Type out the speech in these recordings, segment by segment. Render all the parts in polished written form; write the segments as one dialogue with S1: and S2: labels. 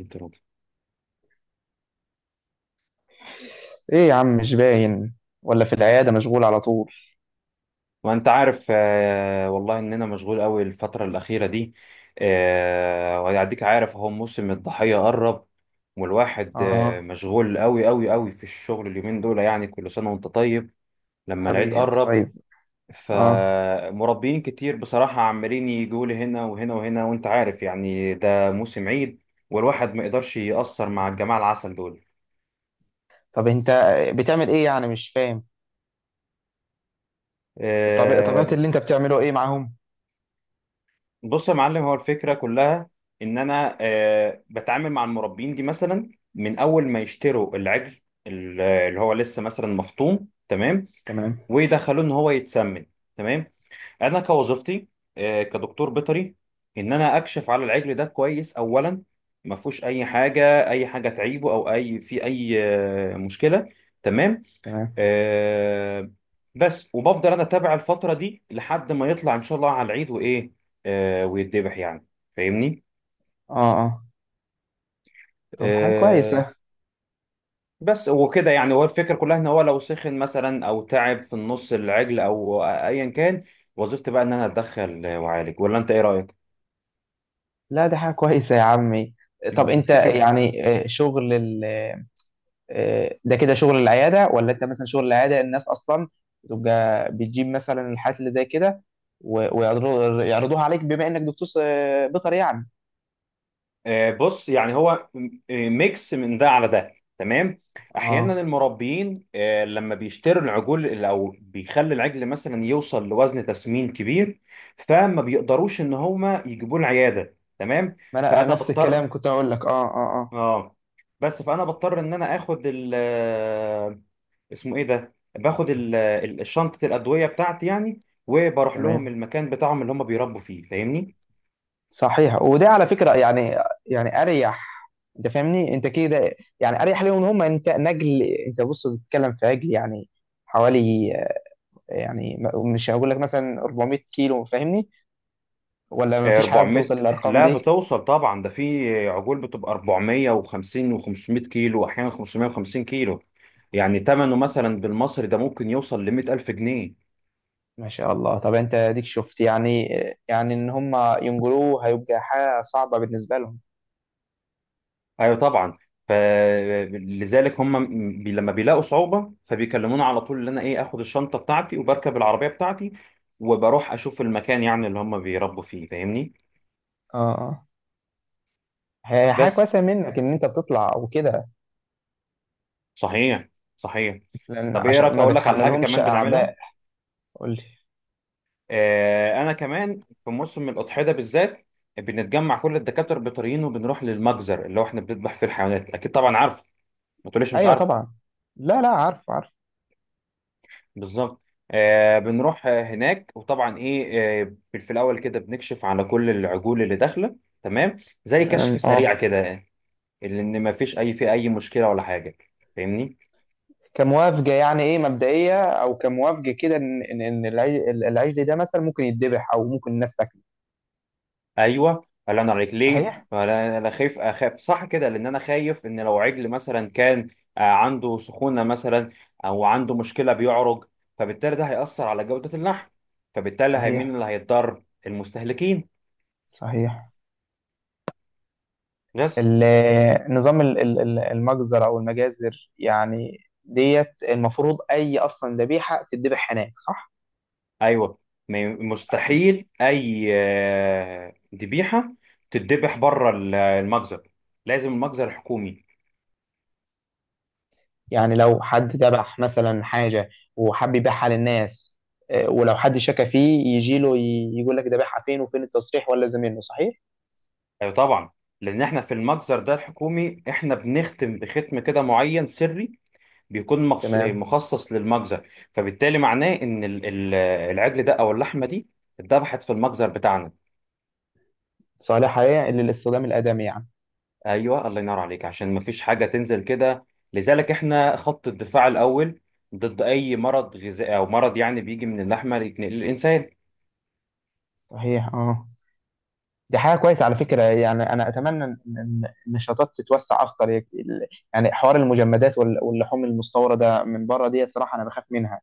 S1: انترودي.
S2: ايه يا عم، مش باين ولا في العيادة؟ مشغول على طول.
S1: وانت عارف آه والله اننا مشغول قوي الفتره الاخيره دي. وهيعديك، عارف اهو موسم الضحيه قرب. والواحد
S2: اه
S1: مشغول قوي قوي قوي في الشغل اليومين دول، يعني كل سنه وانت طيب لما العيد
S2: حبيبي انت
S1: قرب.
S2: طيب. اه
S1: فمربيين كتير بصراحه عمالين يجوا لي هنا وهنا وهنا، وانت عارف يعني ده موسم عيد، والواحد ما يقدرش يأثر مع الجماعه العسل دول.
S2: طب انت بتعمل ايه يعني؟ مش فاهم. طب طبيعة
S1: آه،
S2: اللي انت بتعمله ايه معاهم؟
S1: بص يا معلم، هو الفكرة كلها إن أنا بتعامل مع المربين دي، مثلا من أول ما يشتروا العجل اللي هو لسه مثلا مفطوم. تمام،
S2: تمام.
S1: ويدخلوه إن هو يتسمن. تمام، أنا كوظيفتي كدكتور بيطري، إن أنا أكشف على العجل ده كويس أولا، ما فيهوش أي حاجة، أي حاجة تعيبه أو أي في أي مشكلة. تمام،
S2: تمام.
S1: آه بس، وبفضل انا اتابع الفتره دي لحد ما يطلع ان شاء الله على العيد وايه، ويتذبح يعني. فاهمني؟
S2: اه اه طب حاجة
S1: آه
S2: كويسة.
S1: بس وكده، يعني هو الفكره كلها ان هو لو سخن مثلا او تعب في النص العجل او ايا كان، وظيفتي بقى ان انا اتدخل واعالج، ولا انت ايه رايك؟
S2: لا دي حاجة كويسة يا عمي. طب انت يعني آه، شغل ال... آه، ده كده شغل العيادة، ولا انت مثلا شغل العيادة الناس اصلا تبقى بتجيب مثلا الحالات اللي زي كده، ويعرضوها عليك بما انك دكتور بيطري يعني.
S1: بص، يعني هو ميكس من ده على ده. تمام،
S2: اه.
S1: احيانا المربيين لما بيشتروا العجول او بيخلي العجل مثلا يوصل لوزن تسمين كبير، فما بيقدروش ان هما يجيبوه العياده. تمام،
S2: ما انا أنا
S1: فانا
S2: نفس
S1: بضطر،
S2: الكلام كنت اقول لك. اه
S1: اه، بس فانا بضطر ان انا اخد ال اسمه ايه ده، باخد شنطه الادويه بتاعتي يعني، وبروح لهم
S2: تمام.
S1: المكان بتاعهم اللي هم بيربوا فيه. فاهمني؟
S2: صحيح. وده على فكره يعني، يعني اريح. انت فاهمني؟ انت كده يعني اريح ليهم هم. انت نجل، انت بص، بتتكلم في عجل يعني حوالي يعني مش هقول لك مثلا 400 كيلو، فاهمني؟ ولا ما فيش حاجه
S1: 400؟
S2: بتوصل للارقام
S1: لا،
S2: دي؟
S1: بتوصل طبعا، ده في عجول بتبقى 450 و500 كيلو، واحيانا 550 كيلو. يعني ثمنه مثلا بالمصري ده ممكن يوصل ل 100000 جنيه.
S2: ما شاء الله. طب انت اديك شفت يعني يعني ان هم ينجلوه هيبقى حاجه صعبه بالنسبه لهم.
S1: ايوه طبعا، فلذلك هم لما بيلاقوا صعوبة فبيكلموني على طول ان انا ايه، اخد الشنطة بتاعتي وبركب العربية بتاعتي وبروح اشوف المكان يعني اللي هم بيربوا فيه. فاهمني؟
S2: اه اه هي حاجه
S1: بس،
S2: كويسه منك ان انت بتطلع وكده،
S1: صحيح، صحيح.
S2: لان
S1: طب ايه رايك
S2: عشان ما
S1: اقول لك على حاجة
S2: بتحملهمش
S1: كمان بنعملها؟
S2: اعباء. قول.
S1: انا كمان في موسم الاضحيه ده بالذات، بنتجمع كل الدكاتره البيطريين وبنروح للمجزر اللي هو احنا بنذبح فيه الحيوانات. اكيد طبعا عارف، ما تقوليش مش
S2: ايوه
S1: عارف.
S2: طبعا. لا لا، عارف عارف.
S1: بالظبط، بنروح هناك، وطبعا ايه، آه، في الاول كده بنكشف على كل العجول اللي داخله. تمام، زي
S2: تمام.
S1: كشف
S2: اه.
S1: سريع كده، لان ما فيش اي، في اي مشكله ولا حاجه. فاهمني؟
S2: كموافجه يعني ايه مبدئيه، او كموافجه كده، ان إن العجل ده مثلا ممكن يتذبح او ممكن الناس تاكله.
S1: ايوه الله ينور عليك، ليه؟
S2: صحيح.
S1: انا خايف، اخاف صح كده، لان انا خايف ان لو عجل مثلا كان عنده سخونه مثلا، او عنده مشكله بيعرج، فبالتالي ده هيأثر على جوده اللحم، فبالتالي هي- مين
S2: صحيح.
S1: اللي هيتضرر؟ المستهلكين.
S2: صحيح.
S1: بس.
S2: نظام المجزر او المجازر يعني ديت، المفروض اي اصلا ذبيحه تتذبح هناك، صح؟
S1: ايوه، ما ي- مستحيل اي ذبيحه تتذبح بره المجزر، لازم المجزر الحكومي.
S2: يعني لو حد ذبح مثلا حاجه وحب يبيعها للناس، ولو حد شك فيه يجي له يقول لك ذبحها فين وفين التصريح ولا زميله، صحيح.
S1: ايوه طبعا، لان احنا في المجزر ده الحكومي احنا بنختم بختم كده معين سري، بيكون
S2: تمام.
S1: مخصص للمجزر، فبالتالي معناه ان العجل ده او اللحمه دي اتذبحت في المجزر بتاعنا.
S2: صالح حقيقة للاستخدام الآدمي يعني.
S1: ايوه الله ينور عليك، عشان مفيش حاجه تنزل كده. لذلك احنا خط الدفاع الاول ضد اي مرض غذائي او مرض يعني بيجي من اللحمه يتنقل للانسان.
S2: صحيح. اه. دي حاجة كويسة على فكرة يعني. أنا أتمنى إن إن النشاطات تتوسع أكتر. يعني حوار المجمدات واللحوم المستوردة من بره دي صراحة أنا بخاف منها.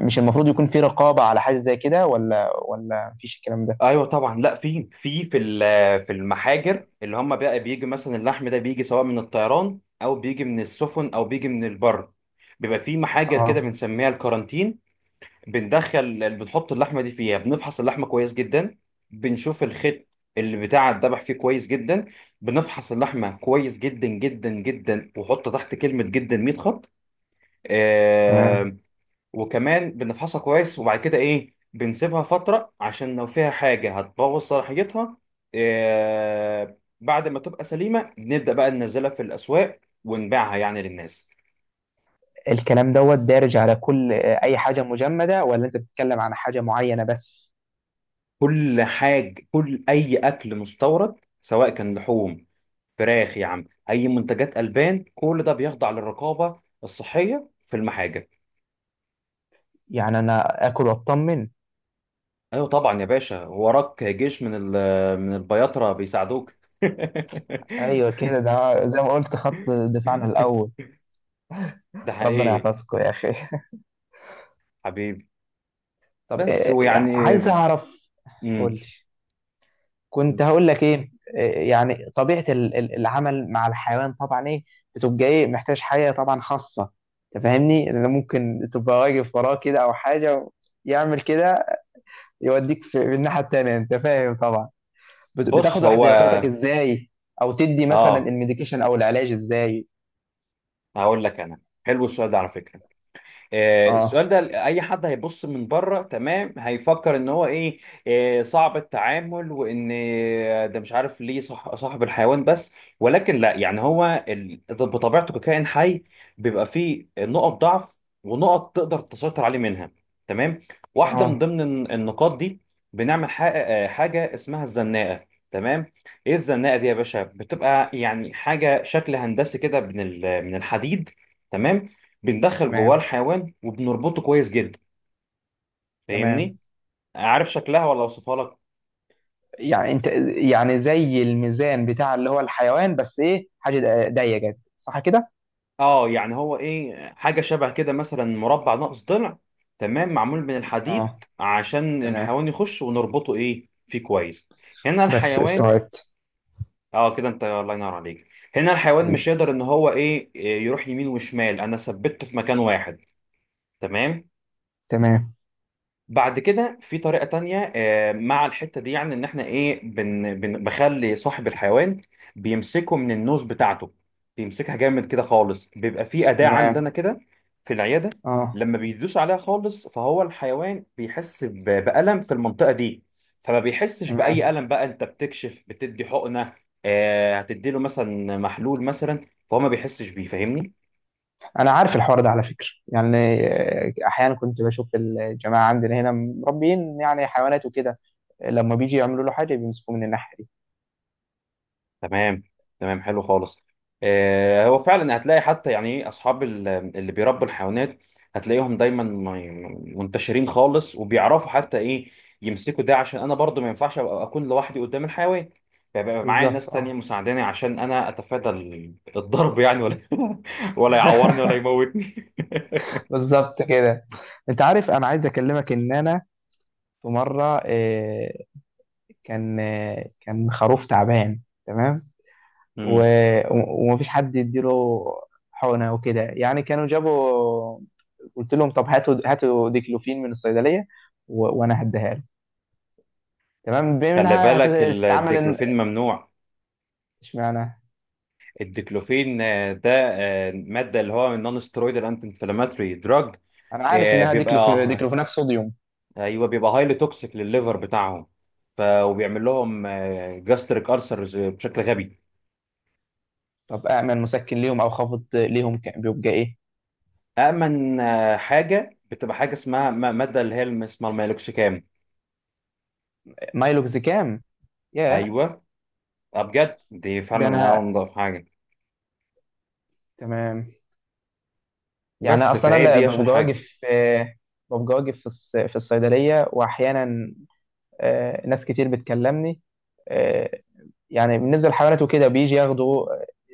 S2: مش المفروض يكون في رقابة على حاجة زي كده، ولا مفيش الكلام ده؟
S1: ايوه طبعا، لا في، في في في المحاجر، اللي هم بقى بيجي مثلا اللحم ده، بيجي سواء من الطيران او بيجي من السفن او بيجي من البر، بيبقى في محاجر
S2: اه.
S1: كده بنسميها الكارانتين. بندخل بنحط اللحمه دي فيها، بنفحص اللحمه كويس جدا، بنشوف الخيط اللي بتاع الذبح فيه كويس جدا، بنفحص اللحمه كويس جدا جدا جدا، وحط تحت كلمه جدا 100 خط.
S2: تمام.
S1: آه وكمان بنفحصها كويس، وبعد كده ايه، بنسيبها فتره عشان لو فيها حاجه هتبوظ صلاحيتها. بعد ما تبقى سليمه، نبدا بقى ننزلها في الاسواق ونبيعها يعني للناس.
S2: الكلام دوت دارج على كل أي حاجة مجمدة، ولا أنت بتتكلم عن حاجة معينة بس؟
S1: كل حاجة، كل أي أكل مستورد، سواء كان لحوم، فراخ يا عم، أي منتجات ألبان، كل ده بيخضع للرقابة الصحية في المحاجة.
S2: يعني أنا آكل وأطمن؟
S1: أيوة طبعا يا باشا، وراك جيش من من البياطرة بيساعدوك.
S2: أيوه كده. ده زي ما قلت، خط دفاعنا الأول.
S1: ده
S2: ربنا
S1: حقيقي.
S2: يحفظكم يا أخي.
S1: حبيبي،
S2: طب
S1: بس ويعني
S2: عايز اعرف. قول
S1: مم.
S2: لي. كنت هقول لك ايه إيه، يعني طبيعة العمل مع الحيوان، طبعا ايه بتبقى ايه؟ محتاج حاجة طبعا خاصة، تفهمني؟ لان ممكن تبقى واقف وراه كده، او حاجة يعمل كده يوديك في الناحية التانية، انت فاهم طبعا.
S1: بص،
S2: بتاخد
S1: هو
S2: احتياطاتك ازاي، او تدي مثلا
S1: اه،
S2: الميديكيشن او العلاج ازاي؟
S1: هقول لك انا، حلو السؤال ده على فكرة. السؤال
S2: اه.
S1: ده اي حد هيبص من بره، تمام، هيفكر ان هو ايه، صعب التعامل، وان ده مش عارف ليه، صح، صاحب الحيوان بس. ولكن لا، يعني هو ده بطبيعته ككائن حي بيبقى فيه نقط ضعف ونقط تقدر تسيطر عليه منها. تمام، واحده من
S2: اه.
S1: ضمن النقاط دي، بنعمل حاجه اسمها الزناقه. تمام، ايه الزناقه دي يا باشا؟ بتبقى يعني حاجه شكل هندسي كده من من الحديد. تمام، بندخل جواه
S2: تمام.
S1: الحيوان وبنربطه كويس جدا.
S2: تمام.
S1: فاهمني؟ عارف شكلها ولا اوصفها لك؟
S2: يعني انت، يعني زي الميزان بتاع اللي هو الحيوان، بس ايه حاجه ضيقه جدا، صح كده؟
S1: اه يعني هو ايه، حاجه شبه كده مثلا مربع ناقص ضلع. تمام، معمول من
S2: تمام.
S1: الحديد
S2: اه.
S1: عشان
S2: تمام.
S1: الحيوان يخش ونربطه ايه فيه كويس. هنا
S2: بس
S1: الحيوان،
S2: استوعبت.
S1: اه كده، انت الله ينور عليك. هنا الحيوان مش
S2: حبيبي.
S1: يقدر ان هو ايه، يروح يمين وشمال، انا ثبته في مكان واحد. تمام،
S2: تمام.
S1: بعد كده في طريقة تانية مع الحتة دي، يعني ان احنا ايه، بن بن بخلي صاحب الحيوان بيمسكه من النوز بتاعته، بيمسكها جامد كده خالص. بيبقى في أداة
S2: تمام.
S1: عندنا كده في العيادة،
S2: اه.
S1: لما بيدوس عليها خالص، فهو الحيوان بيحس بألم في المنطقة دي، فما بيحسش بأي
S2: تمام.
S1: ألم. بقى انت بتكشف، بتدي حقنة، هتدي له مثلا محلول مثلا، فهو ما بيحسش بيه. فاهمني؟
S2: انا عارف الحوار ده على فكره يعني. احيانا كنت بشوف الجماعه عندنا هنا مربيين يعني حيوانات وكده، لما بيجي يعملوا له حاجه بيمسكوه من الناحيه دي.
S1: تمام، تمام، حلو خالص. هو فعلا هتلاقي حتى يعني ايه، اصحاب اللي بيربوا الحيوانات، هتلاقيهم دايما منتشرين خالص، وبيعرفوا حتى ايه، يمسكوا ده، عشان انا برضو ما ينفعش أبقى اكون لوحدي قدام الحيوان، فيبقى معايا
S2: بالظبط.
S1: ناس تانية
S2: اه.
S1: مساعداني عشان انا اتفادى الضرب يعني، ولا ولا يعورني ولا يموتني.
S2: بالظبط كده. انت عارف انا عايز اكلمك. ان انا في مره كان، كان خروف تعبان. تمام. و...
S1: مم.
S2: ومفيش حد يديله حقنة وكده يعني. كانوا جابوا، قلت لهم طب هاتوا ديكلوفين من الصيدلية، و... وانا هديها له. تمام، بما
S1: خلي
S2: انها
S1: بالك
S2: هتتعمل.
S1: الديكلوفين ممنوع.
S2: اشمعنى؟
S1: الديكلوفين آه، ده آه، مادة اللي هو نون ستيرويدال انتي انفلاماتوري دراج،
S2: انا عارف
S1: آه،
S2: انها
S1: بيبقى
S2: ديكلوفيناك صوديوم.
S1: ايوه بيبقى هايلي توكسيك للليفر بتاعهم، ف وبيعمل لهم جاستريك ألسر بشكل غبي.
S2: طب اعمل مسكن ليهم او خفض ليهم، بيبقى ايه؟
S1: امن حاجه، بتبقى حاجه اسمها ماده اللي هي اسمها الميلوكسيكام.
S2: مايلوكزيكام. ياه.
S1: ايوه، بجد دي
S2: ده
S1: فعلا
S2: انا.
S1: انضف حاجه،
S2: تمام. يعني
S1: بس
S2: اصلا انا
S1: فهي دي اشهر
S2: ببقى
S1: حاجه.
S2: واقف ببقى واقف في في الصيدليه، واحيانا ناس كتير بتكلمني. آه، يعني بالنسبه للحيوانات وكده بيجي ياخدوا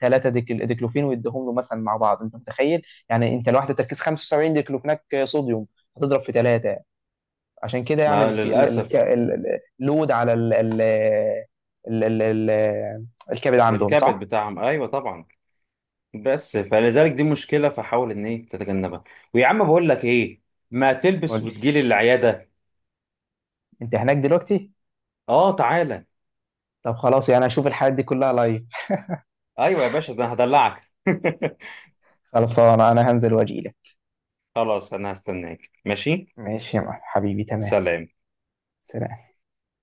S2: ثلاثه ديكلوفين، ويديهم له مثلا مع بعض. انت متخيل؟ يعني انت لوحده تركيز 75 ديكلوفيناك صوديوم، هتضرب في ثلاثه. عشان كده يعني
S1: ما للاسف
S2: اللود على ال ال ال ال ال الكبد عندهم،
S1: الكبد
S2: صح؟
S1: بتاعهم، ايوه طبعا، بس فلذلك دي مشكله فحاول ان ايه تتجنبها. ويا عم بقول لك ايه، ما تلبس
S2: قول لي.
S1: وتجيلي العياده.
S2: انت هناك دلوقتي؟
S1: اه تعالى.
S2: طب خلاص، يعني اشوف الحاجات دي كلها لايف.
S1: ايوه يا باشا، ده أنا هدلعك.
S2: خلصانه انا. أنا هنزل واجي لك.
S1: خلاص أنا هستناك، ماشي.
S2: ماشي يا معلم. حبيبي. تمام.
S1: سلام.
S2: سلام.